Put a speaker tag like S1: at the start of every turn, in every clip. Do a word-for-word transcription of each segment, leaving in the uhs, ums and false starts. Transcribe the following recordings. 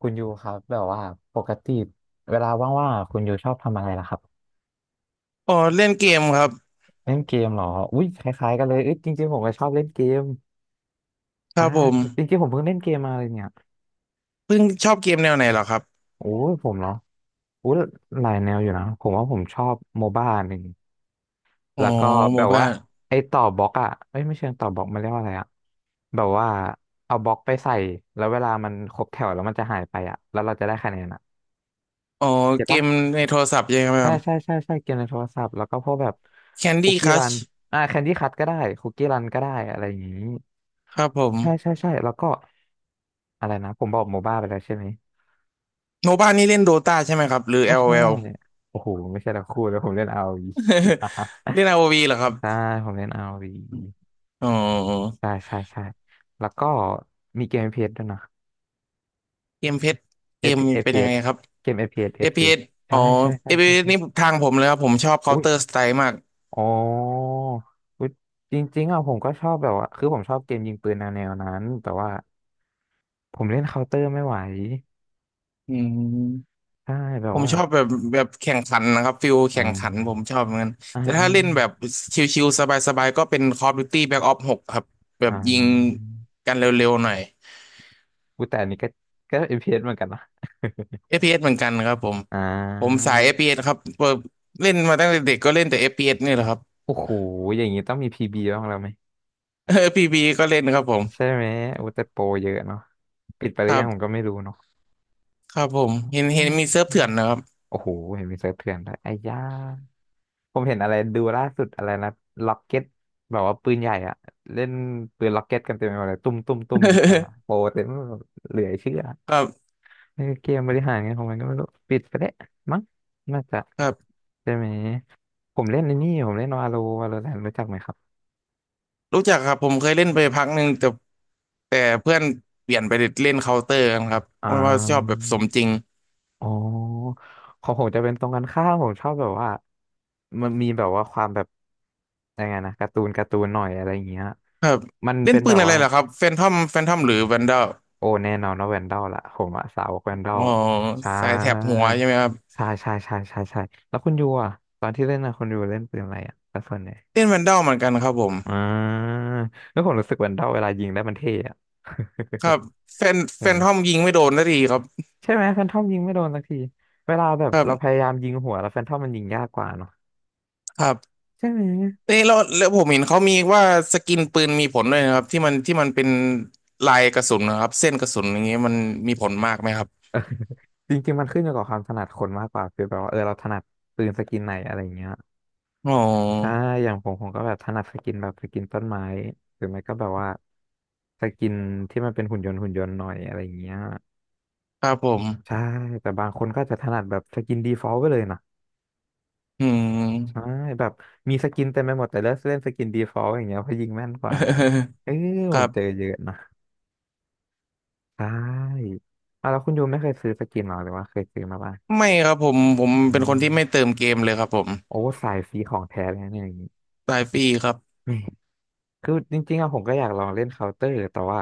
S1: คุณยูครับแบบว่าปกติเวลาว่างๆอะคุณยูชอบทำอะไรล่ะครับ
S2: อ๋อเล่นเกมครับ
S1: เล่นเกมเหรออุ้ยคล้ายๆกันเลยเอ้ยจริงๆผมก็ชอบเล่นเกม
S2: ค
S1: อ่า
S2: รับผม
S1: จริงๆผมเพิ่งเล่นเกมมาเลยเนี่ย
S2: เพิ่งชอบเกมแนวไหนเหรอครับ
S1: โอ้ยผมเนาะอุ้ยหลายแนวอยู่นะผมว่าผมชอบโมบ้าหนึ่ง
S2: อ๋อ
S1: แล้วก็
S2: โม
S1: แบบ
S2: บ้า
S1: ว่าไอ้ต่อบล็อกอ่ะเอ้ยไม่เชิงต่อบล็อกมันเรียกว่าอะไรอ่ะแบบว่าเอาบล็อกไปใส่แล้วเวลามันครบแถวแล้วมันจะหายไปอ่ะแล้วเราจะได้คะแนนอ่ะ
S2: อ๋อ
S1: เก็ต
S2: เก
S1: ปะ
S2: มในโทรศัพท์ใช่ไหม
S1: ใช่
S2: ครับ
S1: ใช่ใช่ใช่เกมในโทรศัพท์แล้วก็พวกแบบคุก
S2: Candy
S1: กี้รัน
S2: Crush
S1: อ่าแคนดี้คัทก็ได้คุกกี้รันก็ได้อะไรอย่างนี้
S2: ครับผ
S1: ใช่
S2: ม
S1: ใช่ใช่แล้วก็อะไรนะผมบอกโมบ้าไปแล้วใช่ไหม
S2: โมบ้านี่เล่นโดตาใช่ไหมครับหรือ
S1: ไม่ใช่
S2: LOL
S1: โอ้โหไม่ใช่ละคู่แล้วผมเล่น r ว v
S2: เล่น อาร์ โอ วี เหรอครั
S1: ใช่
S2: บ
S1: ผมเล่น r o ี
S2: อ๋อ
S1: ใช่ใช่ใช่แล้วก็มีเกมเอ s ด้วยนะ
S2: เกมเพชรเก
S1: F- f
S2: ม
S1: พ s เอ
S2: เป็นยังไง
S1: ส
S2: ครับ
S1: เกม f พีเอสเอ
S2: เอ
S1: ฟ
S2: ฟพ p
S1: พีเอส
S2: s อสอ๋อ
S1: ใช่ใช่ใช่
S2: เอฟ พี เอส
S1: ใช่
S2: นี่ทางผมเลยครับผมชอบ
S1: อุ้ย
S2: Counter Strike มาก
S1: อ๋ออุ๊ยจริงๆอ่ะผมก็ชอบแบบว่า คือผมชอบเกมยิงปืนแนวแนวนั้น แต่ว่าผมเล่นเคาน์เตอร์ไม่ไหว
S2: อืม
S1: ใช่แบ
S2: ผ
S1: บ
S2: ม
S1: ว่า
S2: ชอบแบบแบบแข่งขันนะครับฟิล
S1: อ่
S2: แข่งขันผม
S1: า
S2: ชอบเหมือนกัน
S1: อ่า
S2: แต่
S1: อ่า
S2: ถ้าเล่นแบบชิลๆสบายๆก็เป็น Call of Duty Black Ops หกครับแบ
S1: อ่
S2: บยิง
S1: า
S2: กันเร็วๆหน่อย
S1: อุ๊ยแต่อันนี้ก็ก็ เอฟ พี เอส เอสเหมือนกันนะ
S2: เอฟ พี เอส เอสเหมือนกันครับผม
S1: อ่
S2: ผม
S1: า
S2: สาย เอฟ พี เอส ครับเปิดเล่นมาตั้งแต่เด็กก็เล่นแต่ เอฟ พี เอส นี่แหละครับ
S1: โอ้โห อย่างนี้ต้องมี พี บี บบ้างแล้วไหม
S2: เออ พี บี ก็เล่นครับผม
S1: ใช่ไหมโอุยแต่โปรเยอะเนาะปิดไปห
S2: ค
S1: รือ
S2: รั
S1: ยังผม
S2: บ
S1: ก็ไม่รู้เนาะ
S2: ครับผมเห็น
S1: อื
S2: เห็นมี
S1: ม
S2: เซิร์ฟเถื่อนนะครับ
S1: โอ้โหเห็นมีเซิร์ฟเถื่อนด้วยไอ้ย่า ผมเห็นอะไรดูล่าสุดอะไรนะล็อกเก็ตแบบว่าปืนใหญ่อะเล่นปืนล็อกเก็ตกันเต็มไปหมดเลยตุ้มตุ้มตุ้มยิงกันนะโปรเต็มไปหมดเหลือเชื่อ
S2: ครับ
S1: เออเกมบริหารเงันของมันก็ไม่รู้ปิดไปแล้วมั้งน่าจะ
S2: ครับ
S1: ใช่ไหมผมเล่นในนี่ผมเล่นวาโลวาโลแรนรู้จักไหมครับ
S2: รู้จักครับผมเคยเล่นไปพักหนึ่งแต่แต่เพื่อนเปลี่ยนไปเล่นเคาน์เตอร์กันครับเพ
S1: อ่า
S2: ราะว่าชอบแบบสมจริง
S1: อ๋อของผมจะเป็นตรงกันข้ามผมชอบแบบว่ามันมีแบบว่าความแบบยังไงนะการ์ตูนการ์ตูนหน่อยอะไรอย่างเงี้ย
S2: ครับ
S1: มัน
S2: เล่น
S1: เป็น
S2: ปื
S1: แบ
S2: น
S1: บ
S2: อะไร
S1: ว่า
S2: เหรอครับแฟนทอมแฟนทอมหรือแวนด a ล
S1: โอ้แน่นอนว่าแวนดอลล่ะผมอะสาวกแวนดอ
S2: อ๋
S1: ล
S2: อ
S1: ใช่
S2: สายแถบหัวใช่ไหมครับ
S1: ใช่ใช่ใช่ใช่ใช่แล้วคุณยูอะตอนที่เล่นอะคุณยูเล่นปืนอะไรอะแล้วส่วนไหน
S2: เล่นแวนด a ลเหมือนกันครับผม
S1: อ่าแล้วผมรู้สึกแวนดอลเวลายิงได้มันเท่อะ
S2: ครับแฟน แฟ
S1: ใช่ไห
S2: น
S1: ม
S2: ทอมยิงไม่โดนนาทีครับ
S1: ใช่ไหมแฟนทอมยิงไม่โดนสักทีเวลาแบบ
S2: ครั
S1: เราพ
S2: บ
S1: ยายามยิงหัวแล้วแฟนทอมมันยิงยากกว่าเนาะ
S2: ครับ
S1: ใช่ไหม
S2: เอ้ยแล้วแล้วผมเห็นเขามีว่าสกินปืนมีผลด้วยนะครับที่มันที่มันเป็นลายกระสุนนะครับเส้นกระสุนอย่างเงี้ยมันมีผลมากไหมครับ
S1: จริงๆมันขึ้นอยู่กับความถนัดคนมากกว่าคือแบบว่าเออเราถนัดปืนสกินไหนอะไรเงี้ย
S2: อ๋
S1: ใช่
S2: อ
S1: อย่างผมผมก็แบบถนัดสกินแบบสกินต้นไม้หรือไม่ก็แบบว่าสกินที่มันเป็นหุ่นยนต์หุ่นยนต์หน่อยอะไรอย่างเงี้ย
S2: ครับผม
S1: ใช่ แต่บางคนก็จะถนัดแบบสกินดีฟอลต์ไปเลยนะ
S2: อื
S1: ใช่
S2: ม
S1: แบบมีสกินเต็มไปหมด แต่เลือกเล่นสกินดีฟอลต์อย่างเงี้ยเพราะยิงแม่นกว่า เออ
S2: ค
S1: ผ
S2: รั
S1: มเจอ
S2: บ
S1: เยอะนะใช่อ่ะแล้วคุณยูไม่เคยซื้อสกินหรอหรือว่าเคยซื้อมาบ้าง
S2: ไม่ครับผมผม
S1: อื
S2: เป็นค
S1: ม
S2: นที่ไม่เติมเกมเลยครับผม
S1: โอ้สายฟรีของแท้เลยนะเนี่ยอย่างงี้
S2: รายปีครับ
S1: แหม่คือจริงๆอะผมก็อยากลองเล่นเคาน์เตอร์แต่ว่า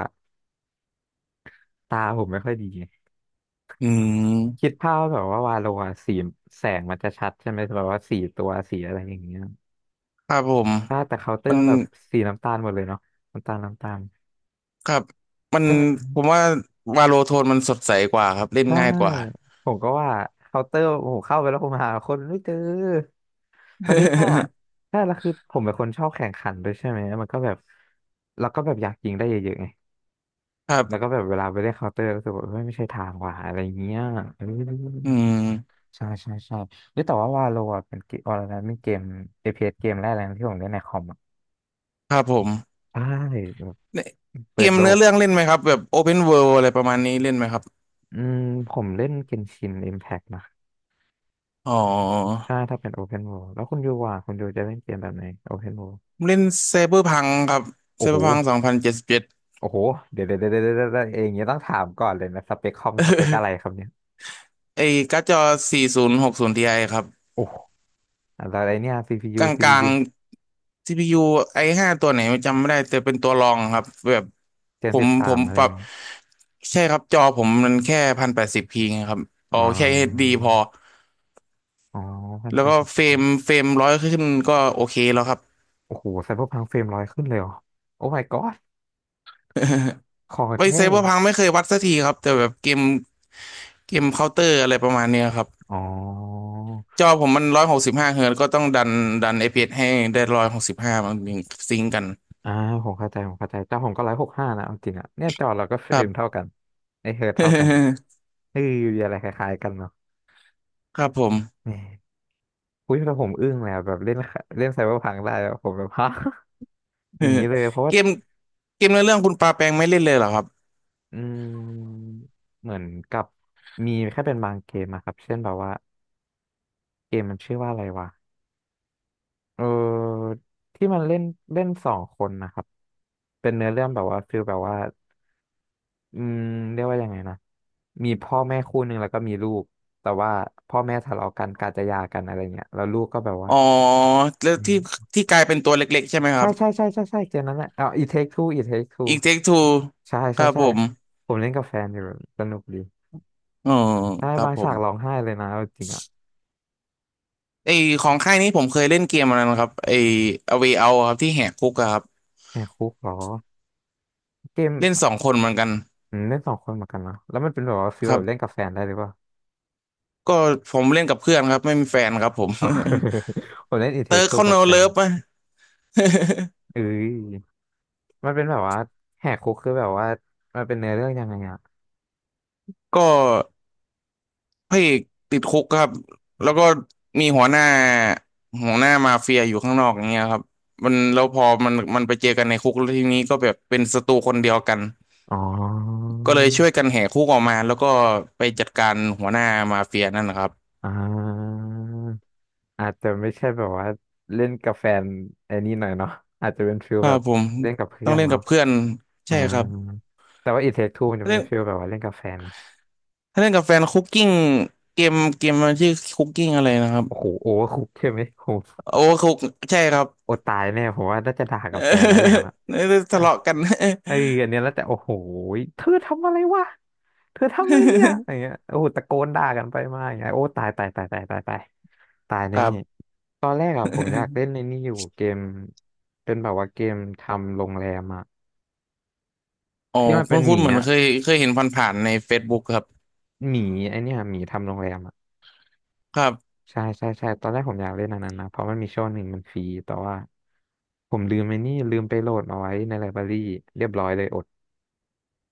S1: ตาผมไม่ค่อยดี
S2: อืม
S1: คิดภาพแบบว่าวาโลอะสีแสงมันจะชัดใช่ไหมแบบว่าสีตัวสีอะไรอย่างเงี้ย
S2: ครับผม
S1: ถ้าแต่เคาน์เตอ
S2: มั
S1: ร์
S2: น
S1: มันแบบสีน้ำตาลหมดเลยเนาะน้ำตาลน้ำตาล
S2: ครับมัน
S1: ใช่ไหม
S2: ผมว่าวาโลโทนมันสดใสกว่าครับเล่น
S1: ใช่
S2: ง่ายกว่า
S1: ผมก็ว่าเคาน์เตอร์โอ้โหเข้าไปแล้วผมหาคนไม่เจอประเด็นอะใช่แล้วคือผมเป็นคนชอบแข่งขันด้วยใช่ไหมมันก็แบบแล้วก็แบบอยากยิงได้เยอะๆไง
S2: ครั
S1: แล้ว
S2: บ
S1: ก็แบบเวลาไปเล่นเคาน์เตอร์ก็รู้สึกว่าเฮ้ยไม่ใช่ทางว่ะอะไรอย่างเงี้ยเอ
S2: อื
S1: อ
S2: ม
S1: ใช่ใช่ใช่เฮ้ยแต่ว่าวาโลอ่ะเป็นเกมวาโลนะเป็นเกมเ p สเกมแรกเลยนะที่ผมเล่นในคอม
S2: ครับผม
S1: ใช่แบบ
S2: เนี่ยเก
S1: เปิด
S2: ม
S1: โล
S2: เนื้อ
S1: ก
S2: เรื่องเล่นไหมครับแบบ Open World อะไรประมาณนี้เล่นไหมครับ
S1: อืมผมเล่นเกนชินอิมแพกนะ
S2: อ๋อ
S1: ใช่ถ้าเป็นโอเพน o r l d แล้วคุณยูว่าคุณยูจะเล่นเกมแบบไหนโอเพน o r l d
S2: ผมเล่นไซเบอร์พังครับไซ
S1: โอ้
S2: เบ
S1: โห
S2: อร์พังสองพันเจ็ดสิบเจ็ด
S1: โอ้โหเดี๋ยวเดี๋ยวเดี๋ยวเดี๋ยวเดี๋ยวเอยงเนี้ยต้องถามก่อนเลยนะสเปคคอมสเปคอะไรครับเนี่ย
S2: ไอ้การ์ดจอสี่ศูนย์หกศูนย์ทีไอครับ
S1: โอ้โหอะไรเนี่ย
S2: ก
S1: ซี พี ยู
S2: ลา
S1: CPU
S2: งๆ ซี พี ยู ไอห้าตัวไหนจำไม่ได้แต่เป็นตัวรองครับแบบ
S1: เจ
S2: ผ
S1: นสิ
S2: ม
S1: บสา
S2: ผ
S1: ม
S2: ม
S1: อะไร
S2: ป
S1: อ
S2: รั
S1: ย่า
S2: บ
S1: งงี้
S2: ใช่ครับจอผมมันแค่พันแปดสิบพีครับ
S1: อ๋
S2: เอาแค่ เอช ดี
S1: อ
S2: พอ
S1: อ๋อพัน
S2: แล้
S1: แป
S2: ว
S1: ด
S2: ก็
S1: สิบ
S2: เฟรมเฟรมร้อยขึ้นก็โอเคแล้วครับ
S1: โอ้โหไซเบอร์พังเฟรมร้อยขึ้นเลยเหรอโอ้ my god คอ
S2: ไว
S1: แท้
S2: ไซเบอร์พังไม่เคยวัดสักทีครับแต่แบบเกมเกมเคาน์เตอร์อะไรประมาณเนี้ยครับ
S1: อ๋อ
S2: จอผมมันร้อยหกสิบห้าเฮิร์ตซ์ก็ต้องดันดันเ p s ให้ได้ร้อยหกสิบห้ามันถึงซิงก์กัน
S1: อ่าผมเข้าใจผมเข้าใจแต่ผมก็ร้อยหกห้านะเอาจริงอ่ะเนี่ยจอเราก็เฟ
S2: ค
S1: ร
S2: รับ
S1: มเท่ากันไอเฮิร์ตเท่ากัน เออมีอะไรคล้ายๆกันเนาะ
S2: ครับผม
S1: แหมอุ้ยแต่ผมอึ้งเล้แบบเล่นเล่นไซเบอร์พังได้อะผมแบบฮะ อย่างนี้เลยเพราะ ว่า
S2: เกมเกมในเรื่องคุณปาแปงไม่เล่นเลยเหรอครับ
S1: อืมเหมือนกับมีแค่เป็นบางเกมอะครับเช่นแบบว่าเกมมันชื่อว่าอะไรวะเออที่มันเล่นเล่นสองคนนะครับเป็นเนื้อเรื่องแบบว่าฟิลแบบว่า อืมเรียกว่ายังไงนะมีพ่อแม่คู่หนึ่งแล้วก็มีลูกแต่ว่าพ่อแม่ทะเลาะกันกาจะหย่ากันอะไรเงี้ยแล้วลูกก็แบบว่า
S2: อ๋อแล้ว
S1: อื
S2: ที่
S1: ม
S2: ที่กลายเป็นตัวเล็กๆใช่ไหมค
S1: ใช่
S2: รับ
S1: ใช่ใช่ใช่ใช่เกมนั้นแหละอ๋อา It Take Two อิท เทค ทู
S2: อีกเทคทู
S1: ใช่
S2: ค
S1: ใช่
S2: รับ
S1: ใช่
S2: ผม
S1: ผมเล่นกับแฟนอยู่สนุกดี
S2: อ๋อ
S1: ใช่
S2: ครับ
S1: บาง
S2: ผ
S1: ฉา
S2: ม
S1: กร้องไห้เลยนะเอาจริงอ่ะ
S2: ไอของค่ายนี้ผมเคยเล่นเกมอันนั้นครับไอ A Way Out อะครับที่แหกคุกอะครับ
S1: แหกคุกเหรอเกม
S2: เล่นสองคนเหมือนกัน
S1: อืมเล่นสองคนเหมือนกันเนอะแล้วมันเป็นแบบว่าฟีล
S2: ครั
S1: แบบเล่น
S2: บ
S1: กับแฟนได้หรือเปล่า
S2: ก็ผมเล่นกับเพื่อนครับไม่มีแฟนครับผม
S1: อ๋อ ผมเล่น It
S2: เติ
S1: Take
S2: ร์ก
S1: Two
S2: เขา
S1: กั
S2: โน
S1: บแฟ
S2: เลิ
S1: น
S2: ฟอะ
S1: เอ้ยมันเป็นแบบว่าแหกคุกคือแบบว่ามันเป็นเนื้อเรื่องยังไงอะ
S2: ก็พระเอกติดคุกครับแล้วก็มีหัวหน้าหัวหน้ามาเฟียอยู่ข้างนอกอย่างเงี้ยครับมันแล้วพอมันมันไปเจอกันในคุกแล้วทีนี้ก็แบบเป็นศัตรูคนเดียวกัน
S1: อ๋อ
S2: ก็เลยช่วยกันแหกคุกออกมาแล้วก็ไปจัดการหัวหน้ามาเฟียนั่นนะครับ
S1: อ่าอาจจะไม่ใช่แบบว่าเล่นกับแฟนไอ้นี่หน่อยเนาะอาจจะเป็นฟิล
S2: ครั
S1: แบ
S2: บ
S1: บ
S2: ผม
S1: เล่นกับเพื่
S2: ต้อ
S1: อ
S2: ง
S1: น
S2: เล่น
S1: เนาะ
S2: กับเพื่อน
S1: อ่า
S2: ใช่ครับ
S1: แต่ว่าอีเทคทูมันจะ
S2: ถ้า
S1: เป็
S2: เล่
S1: น
S2: น
S1: ฟิลแบบว่าเล่นกับแฟน
S2: ถ้าเล่นกับแฟนคุกกิ้งเกมเกมมันชื่อคุกกิ้งอะไรนะครับ
S1: โอ้โหโอเวอร์คุกใช่ไหมโอ้โห
S2: โอ้คุกใช่ครับ
S1: โอตายแน่ผมว่าน่าจะด่ากับแฟนนะอย่างนั้นอะ
S2: นี่
S1: อ่ะ
S2: ทะเลาะกัน
S1: เอออันเนี้ยแล้วแต่โอ้โหเธอทำอะไรวะเธอทำอะไรเนี่ยอย่าง เงี้ยโอ้โหตะโกนด่ากันไปมาอย่างเงี้ยโอ้ตายตายตายตายตายตายตาย
S2: ค
S1: แน่
S2: รับ
S1: ตอนแรกอะผมอยากเล่น ในนี่อยู่เกมเป็นแบบว่าเกมทำโรงแรมอะ
S2: อ๋อ
S1: ที่มันเป็นห
S2: คุ้น
S1: มี
S2: ๆเหมือน
S1: อะ
S2: เคยเคยเห็นผ่านๆใน Facebook ครับ
S1: หมีไอเนี่ยหมีทำโรงแรมอะ
S2: ครับ
S1: ใช่ใช่ใช่ตอนแรกผมอยากเล่นอันนั้นนะเพราะมันมีช่วงหนึ่งมันฟรีแต่ว่าผมลืมไอ้นี่ลืมไปโหลดเอาไว้ในไลบรารีเรียบร้อยเลยอด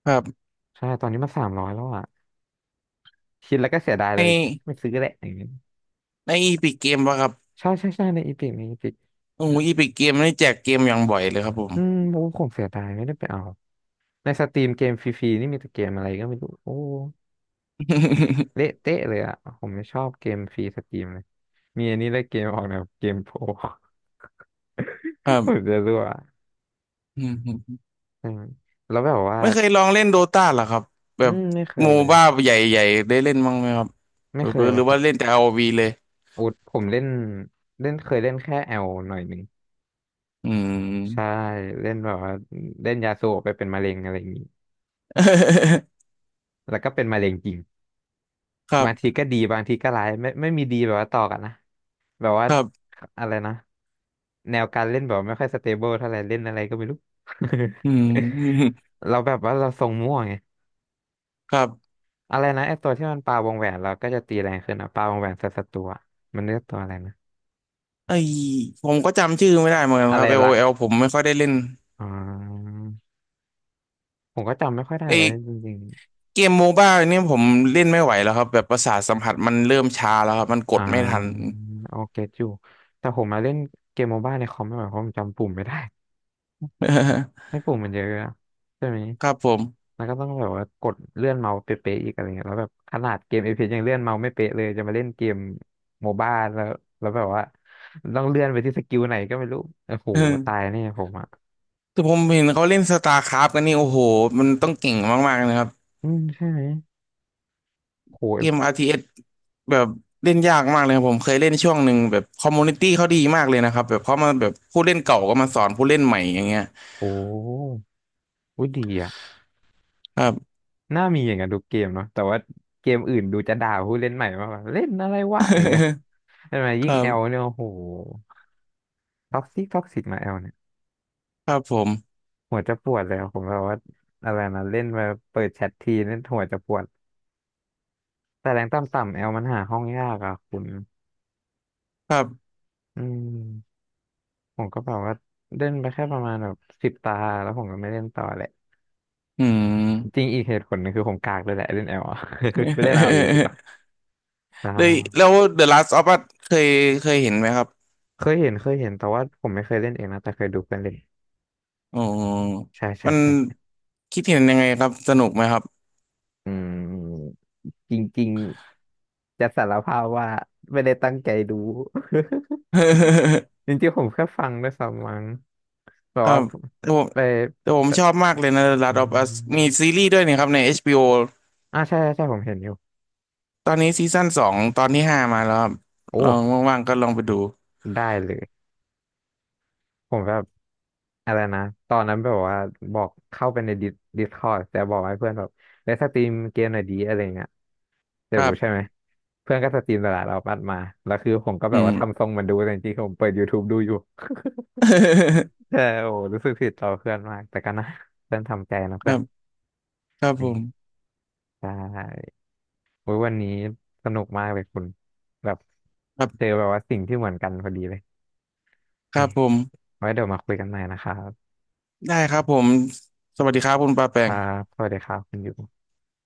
S2: ครับ
S1: ใช่ตอนนี้มาสามร้อยแล้วอะคิดแล้วก็เสียดายเล
S2: ใน
S1: ยไม่ซื้อแหละอย่างเงี้ย
S2: ในอีพิกเกมปะครับ
S1: ใช่ใช่ใช่ในอีพิกในอีพิก
S2: โอ้อีพิกเกมนี่แจกเกมอย่างบ่อยเลยครับผม
S1: อืมโอ้ผมเสียดายไม่ได้ไปเอาในสตรีมเกมฟรีๆนี่มีแต่เกมอะไรก็ไม่รู้โอ้ เละ เตะเลยอ่ะผมไม่ชอบเกมฟรีสตรีมเลยมีอันนี้เลยเกมออกแนวเกมโปร
S2: ค
S1: ผม
S2: รั
S1: จะรั่ว
S2: บ
S1: อืมแล้วแบบว่า
S2: ไม่เคยลองเล่นโดตาหรอครับแบ
S1: อื
S2: บ
S1: มไม่เค
S2: โม
S1: ยเลย
S2: บ้าใหญ่ๆได้เล่นบ้างไหมครับห
S1: ไม่เคย
S2: รือ
S1: เล
S2: ห
S1: ย
S2: รือ
S1: ครั
S2: ว่าเล่
S1: บ
S2: นแต่อ o ีเลย
S1: อุดผมเล่นเล่นเคยเล่นแค่แอลหน่อยหนึ่ง
S2: อืม
S1: ใช่ เล่นแบบว่าเล่นยาสูบไปเป็นมะเร็งอะไรอย่างนี้แล้วก็เป็นมะเร็งจริง
S2: ครั
S1: บางที
S2: บ
S1: ก็ดีบางทีก็ร้ายไม่ไม่มีดีแบบว่าต่อกันนะแบบว่า
S2: ครับ
S1: อะไรนะแนวการเล่นแบบไม่ค่อยสเตเบิลเท่าไหร่เล่นอะไรก็ไม่รู้
S2: อืม
S1: เราแบบว่าเราทรงมั่วไง
S2: ครับ
S1: อะไรนะไอตัวที่มันปาวงแหวนเราก็จะตีแรงขึ้นอะปาวงแหวนใส่ศัตรูอะมันเรียกตัวอะไรนะ
S2: ไอผมก็จำชื่อไม่ได้เหมือนกัน
S1: อะ
S2: ค
S1: ไร
S2: รับ l o ลโอ
S1: รัก
S2: แอลผมไม่ค่อยได้เล่น
S1: อ่าผมก็จำไม่ค่อยได้เลย
S2: ไอ
S1: จริง
S2: เกมโมบ้าเนี่ยผมเล่นไม่ไหวแล้วครับแบบประสาทสัมผัสมันเริ่มช้าแล้วครับมันก
S1: ๆอ่
S2: ดไม่ทัน
S1: าโอเคอยู่แต่ผมมาเล่นเกมโมบ้าในคอมไม่ไหวเพราะผมจำปุ่มไม่ได้ ให้ปุ่มมันเยอะอะใช่ไหม
S2: ครับผม
S1: แล้วก็ต้องแบบว่ากดเลื่อนเมาส์เป๊ะๆอีกอะไรเงี้ยแล้วแบบขนาดเกมเอพียังเลื่อนเมาส์ไม่เป๊ะเลยจะมาเล่นเกมโมบ้าแล้วแล้วแบบว่าต้องเลื่อนไปที่สกิลไหนก็ไม่รู้โอ้โห
S2: เอ
S1: ตาย
S2: อ
S1: เนี่ยผมอ่ะ
S2: แต่ผมเห็นเขาเล่นสตาร์คราฟกันนี่โอ้โหมันต้องเก่งมากๆนะครับ
S1: อืมใช่ไหมโหเอฟ
S2: เกม อาร์ ที เอส แบบเล่นยากมากเลยครับผมเคยเล่นช่วงหนึ่งแบบคอมมูนิตี้เขาดีมากเลยนะครับแบบเขามาแบบผู้เล่นเก่าก็มาสอนผู้เล่นใหม่อย่างเงี้ย
S1: โอ้อุ๊ยดีอ่ะ
S2: ครับ
S1: น่ามีอย่างนั้นทุกเกมเนาะแต่ว่าเกมอื่นดูจะด่าผู้เล่นใหม่มากกว่าเล่นอะไรวะอย่างเงี้ยใช่ไหม
S2: ค
S1: ยิ่ง
S2: รั
S1: แอล
S2: บ
S1: เนี่ยโอ้โหท็อกซิกท็อกซิกมาแอลเนี่ย
S2: ครับผม
S1: หัวจะปวดเลยอะผมแบบว่าอะไรนะเล่นมาเปิดแชททีนี่นหัวจะปวด แต่แรงต่ำๆแอลมันหาห้องยากอ่ะคุณ
S2: ครับ
S1: อืมผมก็แบบว่าเล่นไปแค่ประมาณแบบสิบตาแล้วผมก็ไม่เล่นต่อแหละ
S2: อื
S1: จริ
S2: ม
S1: งอีกเหตุผลหนึงคือผมกากเลยแหละเล่นแอล อ่ะ ไปเล่นเอาดีกว่า ใช
S2: เลย
S1: ่
S2: แล้ว The Last of Us เคยเคยเห็นไหมครับ
S1: เคยเห็นเคยเห็นแต่ว่าผมไม่เคยเล่นเองนะแต่เคยดูเพื่อนเล่น
S2: อ๋อ
S1: ใช่ใช่
S2: มัน
S1: ใช่ใช่
S2: คิดเห็นยังไงครับสนุกไหมครับ
S1: อืมจริงๆจะสารภาพว่าไม่ได้ตั้งใจดู จริงๆผมแค่ฟังด้วยซ้ำมั้งแบบ
S2: ครั
S1: ว่า
S2: บแต่ผม
S1: ไป
S2: แต่ผม
S1: ไป
S2: ชอบมากเลยนะ The
S1: อื
S2: Last of
S1: ม
S2: Us มีซีรีส์ด้วยนี่ครับใน เอช บี โอ
S1: อ่าใช่ใช่ใช่ผมเห็นอยู่
S2: ตอนนี้ซีซั่นสองตอนที่ห้ามาแล้วครับ
S1: โอ้
S2: ลองว่างๆก็ลองไปดู
S1: ได้เลย ผมแบบอะไรนะตอนนั้นแบบว่าบอกเข้าไปในดิสดิสคอร์ดแต่บอกให้เพื่อนแบบเลสสตรีมเกมหน่อยดีอะไรเงี้ย
S2: ค
S1: เดี๋ยว
S2: รั
S1: ใช่
S2: บ
S1: ไหมเพื่อนก็สตรีมตลลดเราปัดมาแล้วคือผมก็
S2: อื
S1: แบบ
S2: ม
S1: ว่าทำทรงเหมันดูแต่จริงๆผมเปิด ยูทูบ ดูอยู่ แต่โอ้รู้สึกผิดต่อเพื่อนมากแต่ก็นะเพื่อนทำใจนะ
S2: ค
S1: เพื่
S2: รั
S1: อน
S2: บครับผ
S1: นี่
S2: ม
S1: ใช่โอ้ยวันนี้สนุกมากเลยคุณแบบ
S2: ครั
S1: เจ
S2: บ
S1: อแบบว่าสิ่งที่เหมือนกันพอดีเลย
S2: ครั
S1: นี่
S2: บผม
S1: ไว้เดี๋ยวมาคุยกันใหม่นะครับ
S2: ได้ครับผมสวัสดีครับคุณปาแป
S1: ครั
S2: ง
S1: บสวัสดีครับคุณอยู่